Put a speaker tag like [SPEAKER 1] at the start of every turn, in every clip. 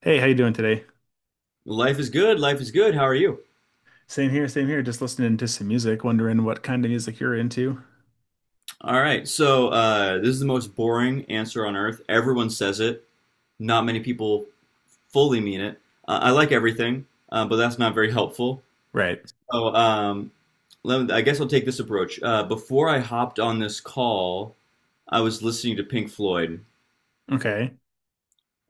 [SPEAKER 1] Hey, how you doing today?
[SPEAKER 2] Life is good. Life is good. How are you?
[SPEAKER 1] Same here, same here. Just listening to some music, wondering what kind of music you're into.
[SPEAKER 2] All right. So this is the most boring answer on earth. Everyone says it. Not many people fully mean it. I like everything, but that's not very helpful.
[SPEAKER 1] Right.
[SPEAKER 2] So let me, I guess I'll take this approach. Before I hopped on this call, I was listening to Pink Floyd.
[SPEAKER 1] Okay.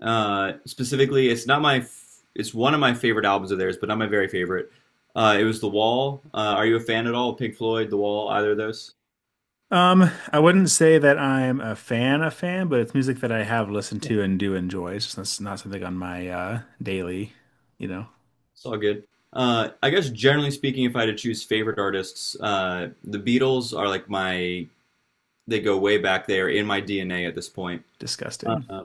[SPEAKER 2] Specifically, it's not my. F- it's one of my favorite albums of theirs, but not my very favorite. It was The Wall. Are you a fan at all of Pink Floyd, The Wall, either of those?
[SPEAKER 1] I wouldn't say that I'm a fan, but it's music that I have listened
[SPEAKER 2] Yeah.
[SPEAKER 1] to and do enjoy. It's just that's not something on my daily, you know,
[SPEAKER 2] It's all good. I guess generally speaking, if I had to choose favorite artists, the Beatles are like my, they go way back. They are in my DNA at this point.
[SPEAKER 1] Disgusting.
[SPEAKER 2] Uh,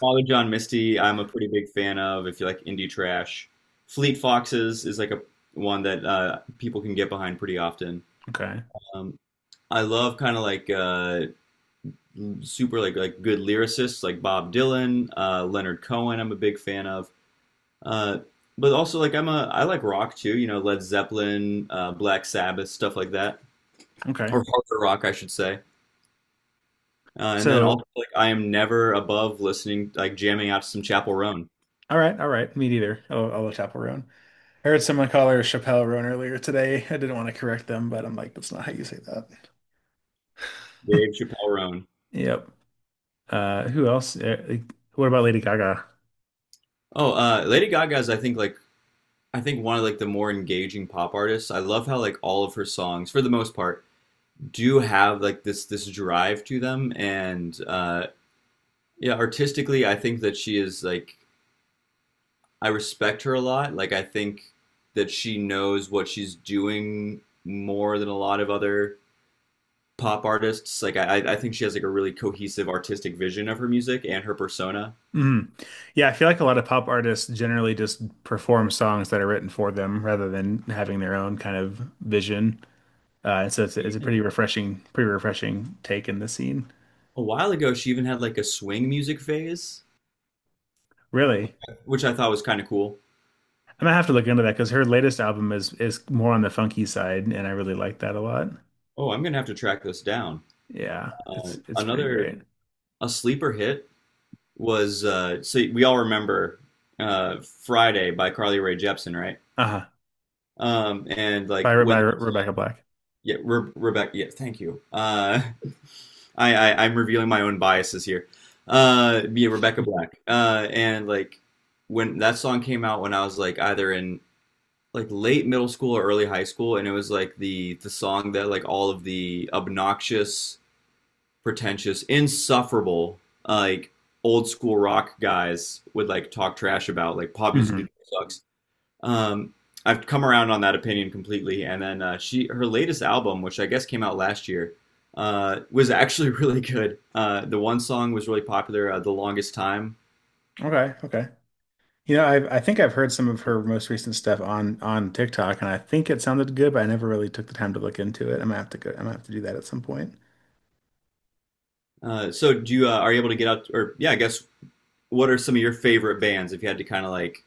[SPEAKER 2] Father John Misty, I'm a pretty big fan of if you like indie trash. Fleet Foxes is like a one that people can get behind pretty often.
[SPEAKER 1] Okay.
[SPEAKER 2] Um, I love kind of like super like good lyricists like Bob Dylan, Leonard Cohen. I'm a big fan of. Uh, but also like I like rock too, Led Zeppelin, Black Sabbath, stuff like that,
[SPEAKER 1] Okay.
[SPEAKER 2] or harder rock, I should say. And then
[SPEAKER 1] So,
[SPEAKER 2] also like I am never above listening, like jamming out to some Chappell Roan,
[SPEAKER 1] all right, all right. Me neither. I'll look up Roan. I heard someone call her Chappelle Roan earlier today. I didn't want to correct them, but I'm like, that's not how you say that.
[SPEAKER 2] Dave Chappelle Roan.
[SPEAKER 1] Yep. Who else? What about Lady Gaga?
[SPEAKER 2] Oh, Lady Gaga's I think one of like the more engaging pop artists. I love how like all of her songs, for the most part, do have like this drive to them, and yeah, artistically, I think that she is like I respect her a lot. Like I think that she knows what she's doing more than a lot of other pop artists. Like I think she has like a really cohesive artistic vision of her music and her persona.
[SPEAKER 1] Mhm. Yeah, I feel like a lot of pop artists generally just perform songs that are written for them rather than having their own kind of vision. And so it's a
[SPEAKER 2] Even
[SPEAKER 1] pretty refreshing take in the scene.
[SPEAKER 2] a while ago, she even had like a swing music phase,
[SPEAKER 1] Really,
[SPEAKER 2] which I thought was kind of cool.
[SPEAKER 1] I'm gonna have to look into that because her latest album is more on the funky side, and I really like that a lot.
[SPEAKER 2] Oh, I'm gonna have to track this down.
[SPEAKER 1] Yeah, it's pretty
[SPEAKER 2] Another
[SPEAKER 1] great.
[SPEAKER 2] a sleeper hit was so we all remember uh, Friday by Carly Rae Jepsen, right?
[SPEAKER 1] Uh-huh.
[SPEAKER 2] And
[SPEAKER 1] By
[SPEAKER 2] like when.
[SPEAKER 1] Rebecca Black.
[SPEAKER 2] Yeah, Rebecca. Yeah, thank you. I'm revealing my own biases here. Yeah, Rebecca Black. And like when that song came out, when I was like either in like late middle school or early high school, and it was like the song that like all of the obnoxious, pretentious, insufferable like old school rock guys would like talk trash about, like pop
[SPEAKER 1] Hmm.
[SPEAKER 2] music sucks um, I've come around on that opinion completely. And then her latest album, which I guess came out last year, was actually really good. The one song was really popular, "The Longest Time."
[SPEAKER 1] Okay. Okay. You know, I think I've heard some of her most recent stuff on TikTok, and I think it sounded good, but I never really took the time to look into it. I'm gonna have to go. I'm gonna have to do that at some point.
[SPEAKER 2] So, do you are you able to get out? Or yeah, I guess what are some of your favorite bands if you had to kind of like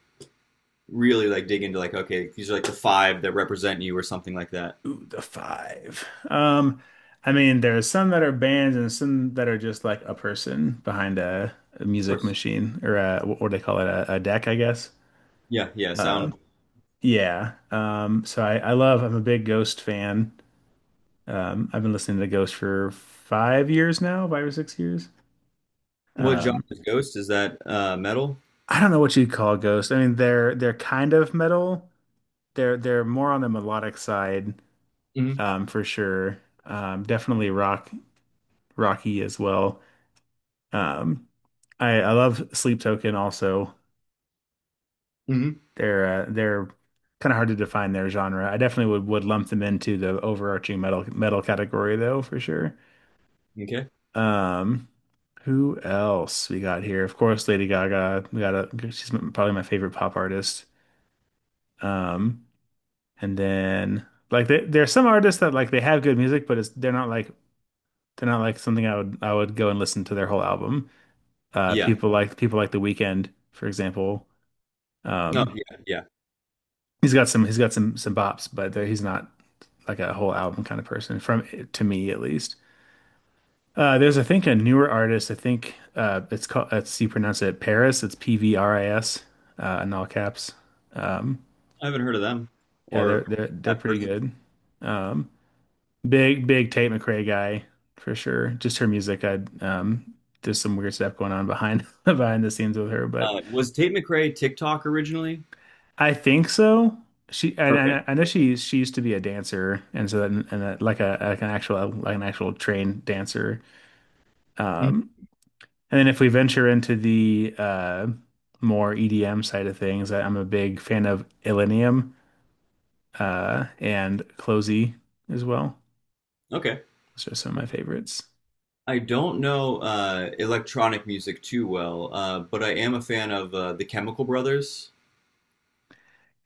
[SPEAKER 2] really like dig into like okay, these are like the five that represent you or something like that?
[SPEAKER 1] Ooh, the five. I mean, there are some that are bands and some that are just like a person behind a
[SPEAKER 2] Of
[SPEAKER 1] music
[SPEAKER 2] course.
[SPEAKER 1] machine or a, what do they call it? A deck, I guess.
[SPEAKER 2] Yeah, yeah. Sound.
[SPEAKER 1] Um, yeah. So I love. I'm a big Ghost fan. I've been listening to Ghost for 5 years now, 5 or 6 years.
[SPEAKER 2] What genre
[SPEAKER 1] Um.
[SPEAKER 2] is Ghost? Is that metal?
[SPEAKER 1] I don't know what you'd call Ghost. I mean, they're kind of metal. They're more on the melodic side,
[SPEAKER 2] Mm-hmm.
[SPEAKER 1] for sure. Definitely rock rocky as well. Um, I love Sleep Token also.
[SPEAKER 2] Mm-hmm.
[SPEAKER 1] They're kind of hard to define their genre. I definitely would lump them into the overarching metal metal category though, for sure.
[SPEAKER 2] Okay.
[SPEAKER 1] Um, who else we got here? Of course, Lady Gaga. She's probably my favorite pop artist. Um, And then there are some artists that like they have good music, but it's they're not like something I would go and listen to their whole album.
[SPEAKER 2] Yeah.
[SPEAKER 1] People like The Weeknd, for example.
[SPEAKER 2] No.
[SPEAKER 1] Um,
[SPEAKER 2] Yeah. Yeah.
[SPEAKER 1] he's got some some bops, but he's not like a whole album kind of person from to me at least. There's I think a newer artist. I think It's called it's you pronounce it Paris. It's PVRIS in all caps. Um,
[SPEAKER 2] I haven't heard of them
[SPEAKER 1] yeah,
[SPEAKER 2] or
[SPEAKER 1] they're
[SPEAKER 2] that
[SPEAKER 1] pretty
[SPEAKER 2] person.
[SPEAKER 1] good. Um, Big, big Tate McRae guy for sure. Just her music, I there's some weird stuff going on behind behind the scenes with her, but
[SPEAKER 2] Was Tate McRae TikTok originally?
[SPEAKER 1] I think so.
[SPEAKER 2] Okay.
[SPEAKER 1] I know
[SPEAKER 2] Okay.
[SPEAKER 1] she used to be a dancer, and so like a like an actual trained dancer.
[SPEAKER 2] Mhm.
[SPEAKER 1] Um, and then if we venture into the more EDM side of things, I'm a big fan of Illenium and Closey as well.
[SPEAKER 2] Okay.
[SPEAKER 1] Those are some of my favorites.
[SPEAKER 2] I don't know electronic music too well, but I am a fan of the Chemical Brothers.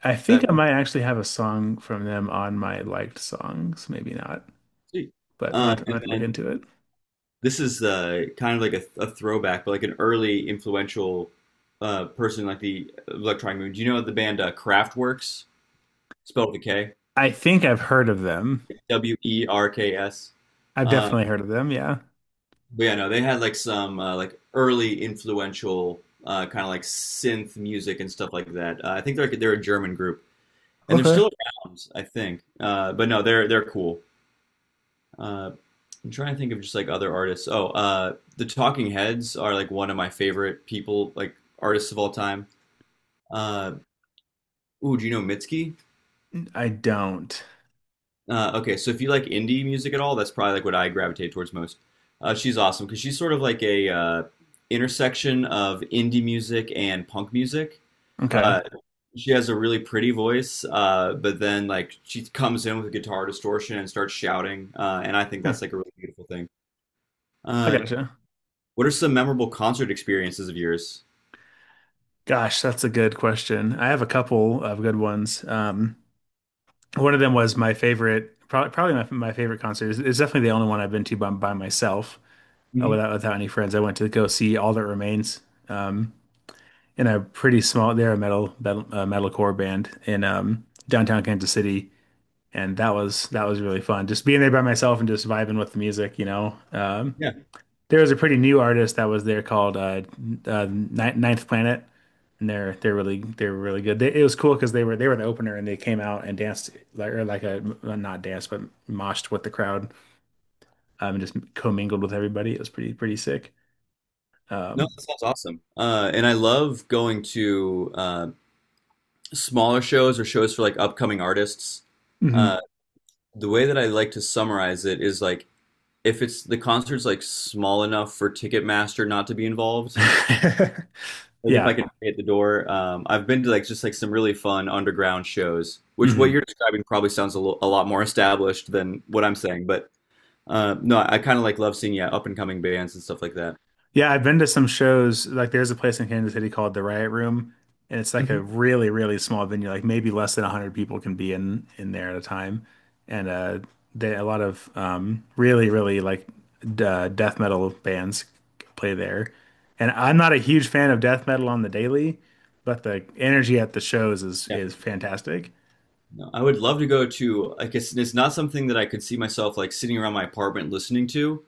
[SPEAKER 1] I think
[SPEAKER 2] That
[SPEAKER 1] I
[SPEAKER 2] we
[SPEAKER 1] might actually have a song from them on my liked songs. Maybe not,
[SPEAKER 2] see.
[SPEAKER 1] but I'm not
[SPEAKER 2] And
[SPEAKER 1] to look
[SPEAKER 2] then
[SPEAKER 1] into it.
[SPEAKER 2] this is kind of like a throwback, but like an early influential person like the electronic movement. Do you know the band Kraftwerks? Spelled with a K.
[SPEAKER 1] I think I've heard of them.
[SPEAKER 2] WERKS.
[SPEAKER 1] I've
[SPEAKER 2] Um,
[SPEAKER 1] definitely heard of them. Yeah.
[SPEAKER 2] But yeah, no, they had like some like early influential kind of like synth music and stuff like that. I think they're like, they're a German group, and they're
[SPEAKER 1] Okay.
[SPEAKER 2] still around, I think. But no, they're cool. Uh, I'm trying to think of just like other artists. Oh, the Talking Heads are like one of my favorite people, like artists of all time. Uh, Ooh, do you know Mitski?
[SPEAKER 1] I don't.
[SPEAKER 2] Okay, so if you like indie music at all, that's probably like what I gravitate towards most. She's awesome because she's sort of like a intersection of indie music and punk music.
[SPEAKER 1] Okay.
[SPEAKER 2] Uh, she has a really pretty voice, but then like she comes in with a guitar distortion and starts shouting, and I think
[SPEAKER 1] Hmm.
[SPEAKER 2] that's like a really beautiful thing.
[SPEAKER 1] I
[SPEAKER 2] Uh,
[SPEAKER 1] gotcha.
[SPEAKER 2] what are some memorable concert experiences of yours?
[SPEAKER 1] Gosh, that's a good question. I have a couple of good ones. One of them was my favorite, probably my favorite concert. It's definitely the only one I've been to by myself, uh,
[SPEAKER 2] Hmm.
[SPEAKER 1] without without any friends. I went to go see All That Remains. Um, in a pretty small. They're a metal metal metalcore band in downtown Kansas City, and that was really fun. Just being there by myself and just vibing with the music, you know.
[SPEAKER 2] Yeah,
[SPEAKER 1] There was a pretty new artist that was there called uh, Ninth Planet, and they're really good. It was cool because they were the opener and they came out and danced like or not danced but moshed with the crowd and just commingled with everybody. It was pretty pretty sick.
[SPEAKER 2] no,
[SPEAKER 1] Um,
[SPEAKER 2] that sounds awesome. And I love going to smaller shows or shows for like upcoming artists. Uh,
[SPEAKER 1] mhm.
[SPEAKER 2] the way that I like to summarize it is like if it's the concert's like small enough for Ticketmaster not to be involved, like if I
[SPEAKER 1] Yeah.
[SPEAKER 2] can pay at the door, I've been to like just like some really fun underground shows, which what
[SPEAKER 1] Mhm.
[SPEAKER 2] you're describing probably sounds a lot more established than what I'm saying, but no, I kind of like love seeing yeah up and coming bands and stuff like that.
[SPEAKER 1] Yeah, I've been to some shows. Like, there's a place in Kansas City called the Riot Room, and it's like a
[SPEAKER 2] Mhm.
[SPEAKER 1] really, really small venue. Like, maybe less than 100 people can be in there at a time. And they a lot of really, really like d death metal bands play there. And I'm not a huge fan of death metal on the daily, but the energy at the shows
[SPEAKER 2] Yeah,
[SPEAKER 1] is fantastic.
[SPEAKER 2] no, I would love to go to. I guess it's not something that I could see myself like sitting around my apartment listening to,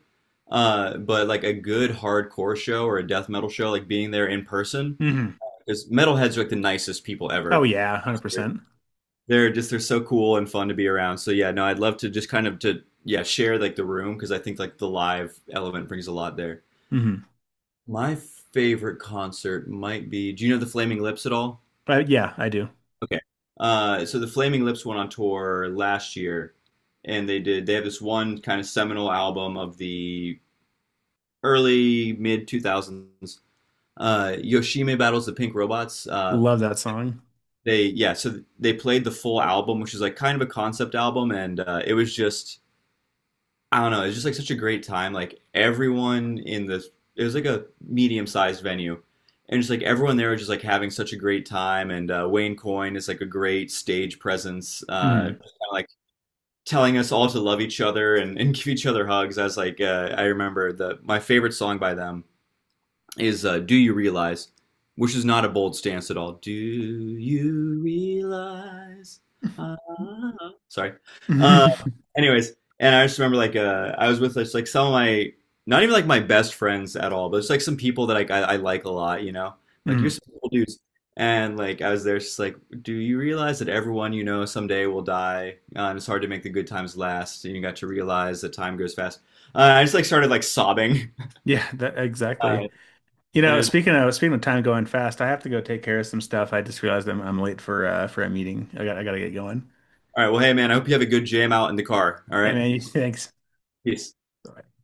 [SPEAKER 2] but like a good hardcore show or a death metal show, like being there in person.
[SPEAKER 1] Hmm.
[SPEAKER 2] Because metalheads are like the nicest people
[SPEAKER 1] Oh
[SPEAKER 2] ever.
[SPEAKER 1] yeah,
[SPEAKER 2] They're-
[SPEAKER 1] 100%.
[SPEAKER 2] They're just they're so cool and fun to be around. So yeah, no, I'd love to just kind of to yeah share like the room because I think like the live element brings a lot there.
[SPEAKER 1] Hmm.
[SPEAKER 2] My favorite concert might be. Do you know the Flaming Lips at all?
[SPEAKER 1] But yeah, I do
[SPEAKER 2] Okay. So the Flaming Lips went on tour last year, and they did. They have this one kind of seminal album of the early mid 2000s. Yoshime battles the Pink Robots.
[SPEAKER 1] love that song.
[SPEAKER 2] They yeah so they played the full album, which is like kind of a concept album. And it was just I don't know, it was just like such a great time. Like everyone in the, it was like a medium sized venue, and just like everyone there was just like having such a great time. And Wayne Coyne is like a great stage presence,
[SPEAKER 1] Hmm.
[SPEAKER 2] kinda, like telling us all to love each other and give each other hugs. I was like I remember the my favorite song by them is "Do You Realize," which is not a bold stance at all. Do you realize? Ah, sorry. Uh, Anyways, and I just remember like I was with just like some of my not even like my best friends at all, but it's like some people that like I like a lot. Like you're
[SPEAKER 1] Hmm.
[SPEAKER 2] some cool dudes, and like I was there, just like, do you realize that everyone you know someday will die, and it's hard to make the good times last. And you got to realize that time goes fast. I just like started like sobbing,
[SPEAKER 1] Yeah, that,
[SPEAKER 2] uh,
[SPEAKER 1] exactly. You
[SPEAKER 2] and it
[SPEAKER 1] know,
[SPEAKER 2] was.
[SPEAKER 1] speaking of time going fast, I have to go take care of some stuff. I just realized I'm late for a meeting. I gotta get going.
[SPEAKER 2] All right. Well, hey, man, I hope you have a good jam out in the car. All
[SPEAKER 1] Yeah,
[SPEAKER 2] right.
[SPEAKER 1] man. You, thanks.
[SPEAKER 2] Peace.
[SPEAKER 1] Bye.